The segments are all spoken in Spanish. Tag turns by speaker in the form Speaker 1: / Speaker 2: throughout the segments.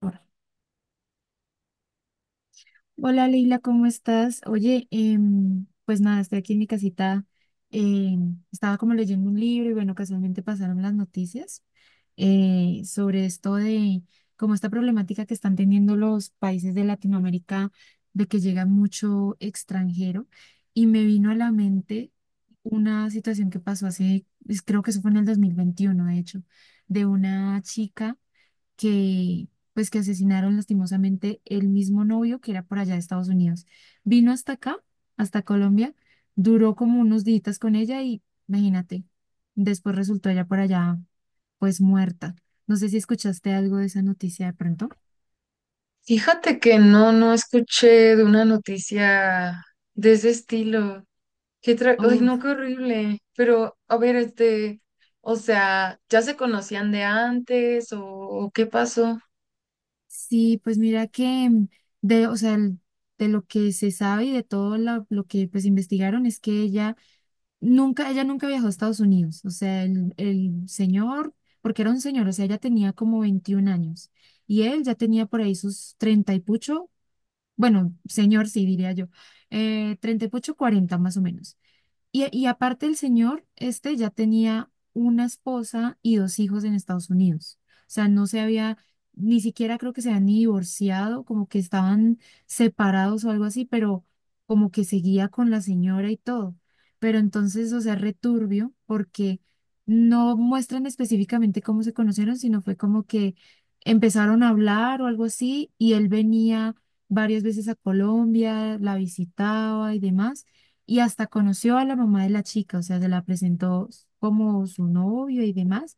Speaker 1: Ahora. Hola Leila, ¿cómo estás? Oye, pues nada, estoy aquí en mi casita. Estaba como leyendo un libro y bueno, casualmente pasaron las noticias sobre esto de como esta problemática que están teniendo los países de Latinoamérica, de que llega mucho extranjero y me vino a la mente una situación que pasó hace, pues, creo que eso fue en el 2021, de hecho, de una chica que pues que asesinaron lastimosamente el mismo novio que era por allá de Estados Unidos. Vino hasta acá, hasta Colombia, duró como unos días con ella y, imagínate, después resultó ella por allá pues muerta. No sé si escuchaste algo de esa noticia de pronto.
Speaker 2: Fíjate que no escuché de una noticia de ese estilo. Ay,
Speaker 1: Uf,
Speaker 2: no, qué horrible. Pero, a ver, o sea, ¿ya se conocían de antes o qué pasó?
Speaker 1: sí, pues mira que de, o sea, de lo que se sabe y de todo lo que pues investigaron es que ella nunca, ella nunca viajó a Estados Unidos. O sea, el señor, porque era un señor, o sea, ella tenía como 21 años y él ya tenía por ahí sus 30 y pucho, bueno, señor sí diría yo, 30 y pucho, 40 más o menos. Y aparte el señor, este ya tenía una esposa y dos hijos en Estados Unidos. O sea, no se había, ni siquiera creo que se habían ni divorciado, como que estaban separados o algo así, pero como que seguía con la señora y todo. Pero entonces, o sea, returbio, porque no muestran específicamente cómo se conocieron, sino fue como que empezaron a hablar o algo así, y él venía varias veces a Colombia, la visitaba y demás, y hasta conoció a la mamá de la chica, o sea, se la presentó como su novio y demás,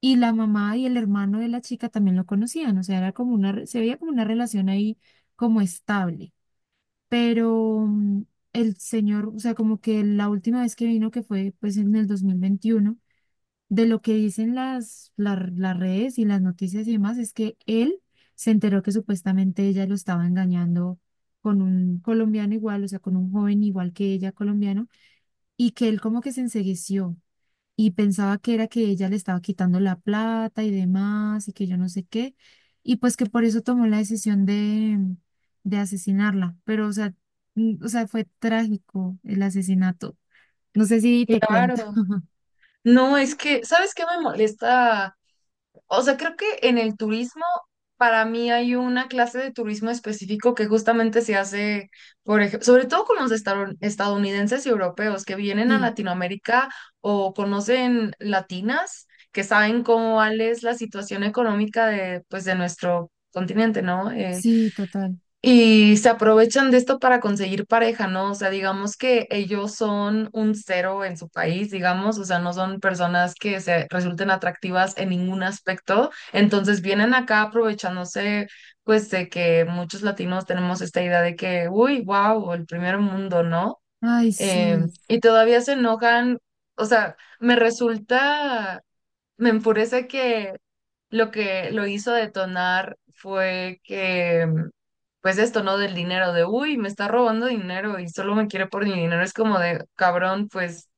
Speaker 1: y la mamá y el hermano de la chica también lo conocían, o sea, era como una, se veía como una relación ahí como estable, pero el señor, o sea, como que la última vez que vino, que fue pues en el 2021, de lo que dicen las, las redes y las noticias y demás, es que él se enteró que supuestamente ella lo estaba engañando con un colombiano igual, o sea, con un joven igual que ella colombiano, y que él como que se ensegueció y pensaba que era que ella le estaba quitando la plata y demás y que yo no sé qué, y pues que por eso tomó la decisión de asesinarla, pero o sea, o sea, fue trágico el asesinato. No sé si te
Speaker 2: Claro.
Speaker 1: cuento.
Speaker 2: No, es que, ¿sabes qué me molesta? O sea, creo que en el turismo, para mí hay una clase de turismo específico que justamente se hace, por ejemplo, sobre todo con los estadounidenses y europeos que vienen a
Speaker 1: Sí,
Speaker 2: Latinoamérica o conocen latinas, que saben cómo cuál es la situación económica de, pues, de nuestro continente, ¿no?
Speaker 1: sí, total.
Speaker 2: Y se aprovechan de esto para conseguir pareja, ¿no? O sea, digamos que ellos son un cero en su país, digamos, o sea, no son personas que se resulten atractivas en ningún aspecto. Entonces vienen acá aprovechándose, pues, de que muchos latinos tenemos esta idea de que, uy, wow, el primer mundo, ¿no?
Speaker 1: Ay, sí.
Speaker 2: Y todavía se enojan, o sea, me resulta, me enfurece que lo hizo detonar fue que, pues esto, ¿no? Del dinero, de, uy, me está robando dinero y solo me quiere por mi dinero. Es como de, cabrón, pues,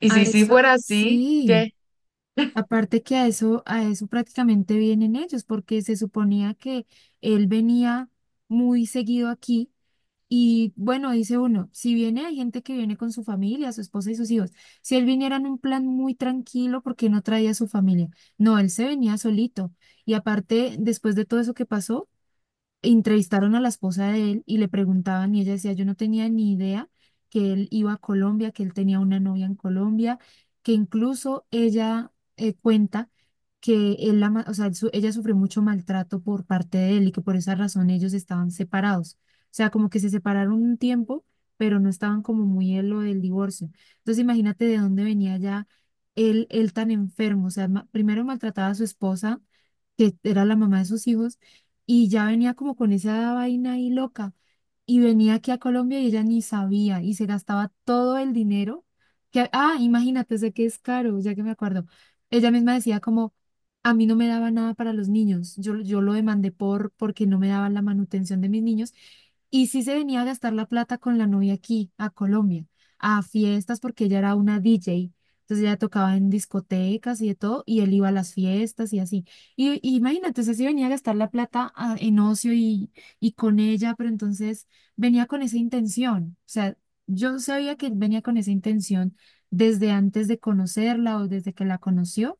Speaker 2: y
Speaker 1: A
Speaker 2: si sí
Speaker 1: eso,
Speaker 2: fuera así,
Speaker 1: sí.
Speaker 2: ¿qué?
Speaker 1: Aparte que a eso prácticamente vienen ellos, porque se suponía que él venía muy seguido aquí. Y bueno, dice uno, si viene, hay gente que viene con su familia, su esposa y sus hijos. Si él viniera en un plan muy tranquilo, ¿por qué no traía a su familia? No, él se venía solito. Y aparte, después de todo eso que pasó, entrevistaron a la esposa de él y le preguntaban y ella decía, yo no tenía ni idea que él iba a Colombia, que él tenía una novia en Colombia, que incluso ella cuenta que o sea, ella sufrió mucho maltrato por parte de él y que por esa razón ellos estaban separados. O sea, como que se separaron un tiempo, pero no estaban como muy en lo del divorcio. Entonces imagínate de dónde venía ya él tan enfermo. O sea, primero maltrataba a su esposa, que era la mamá de sus hijos, y ya venía como con esa vaina ahí loca y venía aquí a Colombia y ella ni sabía y se gastaba todo el dinero que, ah, imagínate, sé que es caro, ya que me acuerdo. Ella misma decía como, a mí no me daba nada para los niños, yo lo demandé por, porque no me daban la manutención de mis niños y sí se venía a gastar la plata con la novia aquí, a Colombia, a fiestas porque ella era una DJ. Entonces ella tocaba en discotecas y de todo, y él iba a las fiestas y así. Y imagínate, o sea, si venía a gastar la plata ah, en ocio y con ella, pero entonces venía con esa intención. O sea, yo sabía que él venía con esa intención desde antes de conocerla o desde que la conoció.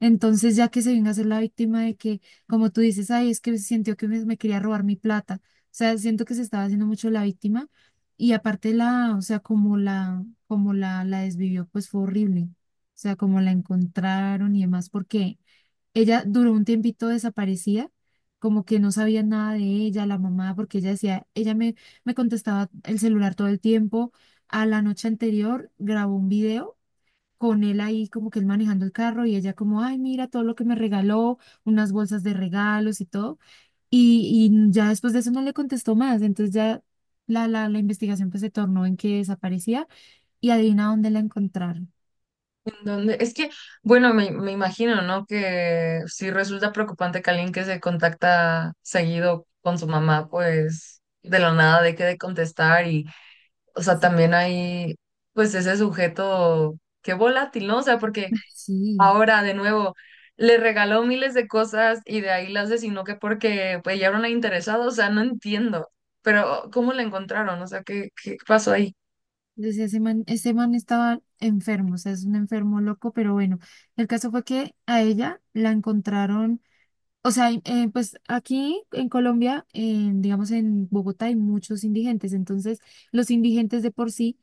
Speaker 1: Entonces, ya que se venga a ser la víctima de que, como tú dices, ay, es que sintió que me quería robar mi plata. O sea, siento que se estaba haciendo mucho la víctima. Y aparte la, o sea, como la desvivió, pues fue horrible. O sea, como la encontraron y demás, porque ella duró un tiempito desaparecida, como que no sabía nada de ella, la mamá, porque ella decía, ella me, me contestaba el celular todo el tiempo. A la noche anterior grabó un video con él ahí, como que él manejando el carro y ella como, ay, mira todo lo que me regaló, unas bolsas de regalos y todo. Y ya después de eso no le contestó más, entonces ya la investigación pues se tornó en que desaparecía y adivina dónde la encontraron.
Speaker 2: ¿En dónde? Es que, bueno, me imagino, ¿no? Que si resulta preocupante que alguien que se contacta seguido con su mamá, pues, de la nada deje de contestar y, o sea,
Speaker 1: Sí.
Speaker 2: también hay, pues, ese sujeto, qué volátil, ¿no? O sea, porque...
Speaker 1: Sí,
Speaker 2: Ahora, de nuevo, le regaló miles de cosas y de ahí la asesinó que porque pues, ya era una interesada, o sea, no entiendo. Pero, ¿cómo la encontraron? O sea, qué pasó ahí?
Speaker 1: decía, ese man estaba enfermo, o sea, es un enfermo loco, pero bueno, el caso fue que a ella la encontraron, o sea, pues aquí en Colombia, en, digamos en Bogotá hay muchos indigentes, entonces los indigentes de por sí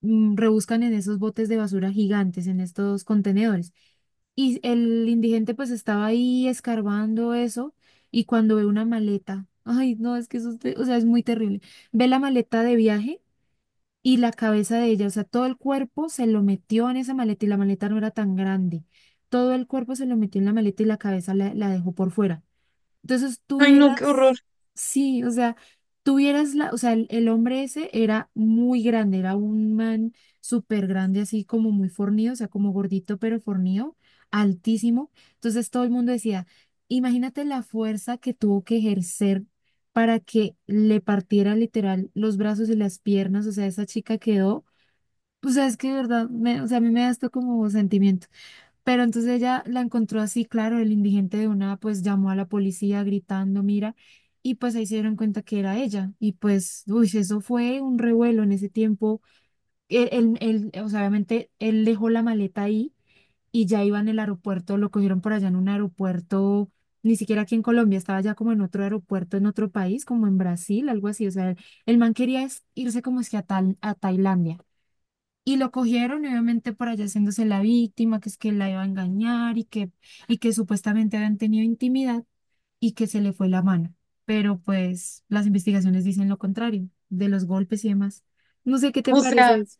Speaker 1: rebuscan en esos botes de basura gigantes, en estos contenedores. Y el indigente pues estaba ahí escarbando eso y cuando ve una maleta, ay, no, es que eso, o sea, es muy terrible. Ve la maleta de viaje y la cabeza de ella, o sea, todo el cuerpo se lo metió en esa maleta y la maleta no era tan grande. Todo el cuerpo se lo metió en la maleta y la cabeza la, la dejó por fuera. Entonces
Speaker 2: Ay, no, qué horror.
Speaker 1: tuvieras, sí, o sea, tuvieras la, o sea, el hombre ese era muy grande, era un man súper grande, así como muy fornido, o sea, como gordito pero fornido, altísimo. Entonces todo el mundo decía, imagínate la fuerza que tuvo que ejercer para que le partiera literal los brazos y las piernas, o sea, esa chica quedó, o sea, es que de verdad, o sea, a mí me da esto como sentimiento. Pero entonces ella la encontró así, claro, el indigente de una, pues llamó a la policía gritando, mira, y pues ahí se dieron cuenta que era ella. Y pues, uy, eso fue un revuelo en ese tiempo. Él, él, o sea, obviamente él dejó la maleta ahí y ya iba en el aeropuerto, lo cogieron por allá en un aeropuerto, ni siquiera aquí en Colombia, estaba ya como en otro aeropuerto, en otro país, como en Brasil, algo así. O sea, el man quería es irse como es que a, a Tailandia. Y lo cogieron, y obviamente por allá haciéndose la víctima, que es que la iba a engañar y que supuestamente habían tenido intimidad y que se le fue la mano. Pero pues las investigaciones dicen lo contrario, de los golpes y demás. No sé qué te
Speaker 2: O
Speaker 1: parece
Speaker 2: sea,
Speaker 1: eso.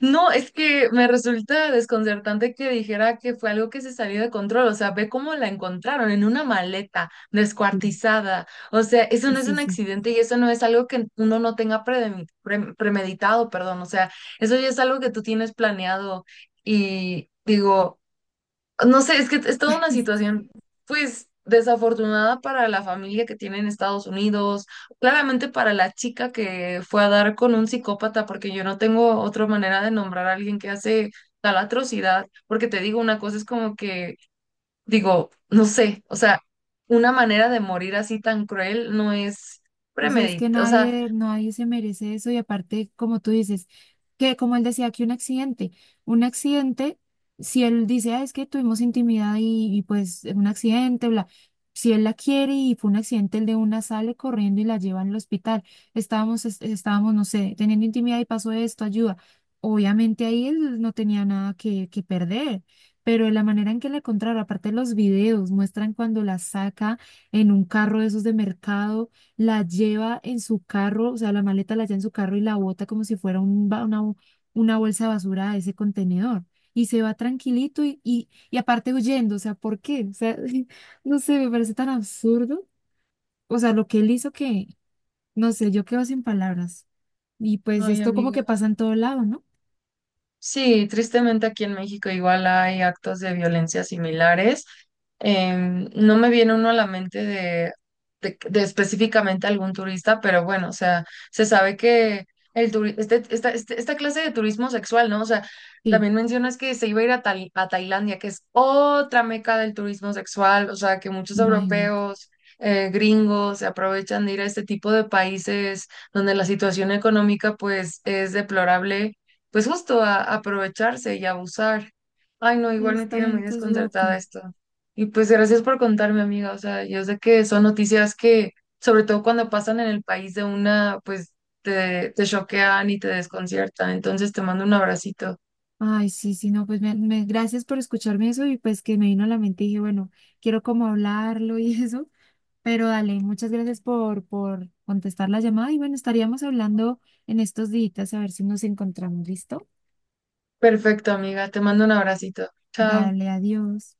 Speaker 2: no, es que me resulta desconcertante que dijera que fue algo que se salió de control. O sea, ve cómo la encontraron en una maleta
Speaker 1: Sí.
Speaker 2: descuartizada. O sea, eso
Speaker 1: Sí,
Speaker 2: no es
Speaker 1: sí,
Speaker 2: un
Speaker 1: sí.
Speaker 2: accidente y eso no es algo que uno no tenga premeditado, perdón. O sea, eso ya es algo que tú tienes planeado. Y digo, no sé, es que es toda una situación, pues, desafortunada para la familia que tiene en Estados Unidos, claramente para la chica que fue a dar con un psicópata, porque yo no tengo otra manera de nombrar a alguien que hace tal atrocidad, porque te digo una cosa, es como que, digo, no sé, o sea, una manera de morir así tan cruel no es
Speaker 1: O sea, es que
Speaker 2: premedit, o sea,
Speaker 1: nadie, nadie se merece eso y aparte, como tú dices, que como él decía que un accidente, si él dice, "Ah, es que tuvimos intimidad y, pues un accidente, bla, si él la quiere y fue un accidente, el de una sale corriendo y la lleva al hospital, estábamos, estábamos, no sé, teniendo intimidad y pasó esto, ayuda. Obviamente ahí él no tenía nada que, que perder, pero de la manera en que la encontraron, aparte los videos muestran cuando la saca en un carro de esos de mercado, la lleva en su carro, o sea, la maleta la lleva en su carro y la bota como si fuera una, una bolsa de basura a ese contenedor. Y se va tranquilito y aparte huyendo, o sea, ¿por qué? O sea, no sé, me parece tan absurdo. O sea, lo que él hizo que, no sé, yo quedo sin palabras. Y pues
Speaker 2: ay,
Speaker 1: esto como
Speaker 2: amiga.
Speaker 1: que pasa en todo lado, ¿no?
Speaker 2: Sí, tristemente aquí en México igual hay actos de violencia similares. No me viene uno a la mente de, de específicamente algún turista, pero bueno, o sea, se sabe que el esta clase de turismo sexual, ¿no? O sea,
Speaker 1: Sí,
Speaker 2: también mencionas que se iba a ir a, a Tailandia, que es otra meca del turismo sexual, o sea, que muchos
Speaker 1: imagínate.
Speaker 2: europeos, gringos, se aprovechan de ir a este tipo de países donde la situación económica pues es deplorable pues justo a aprovecharse y abusar. Ay, no, igual me
Speaker 1: Esta
Speaker 2: tiene muy
Speaker 1: gente es
Speaker 2: desconcertada
Speaker 1: loca.
Speaker 2: esto. Y pues gracias por contarme, amiga. O sea, yo sé que son noticias que, sobre todo cuando pasan en el país de una, pues te choquean y te desconciertan. Entonces te mando un abracito.
Speaker 1: Ay, sí, sí, no, pues me, gracias por escucharme eso y pues que me vino a la mente y dije, bueno, quiero como hablarlo y eso. Pero dale, muchas gracias por contestar la llamada y bueno, estaríamos hablando en estos días a ver si nos encontramos. ¿Listo?
Speaker 2: Perfecto, amiga. Te mando un abracito. Chao.
Speaker 1: Dale, adiós.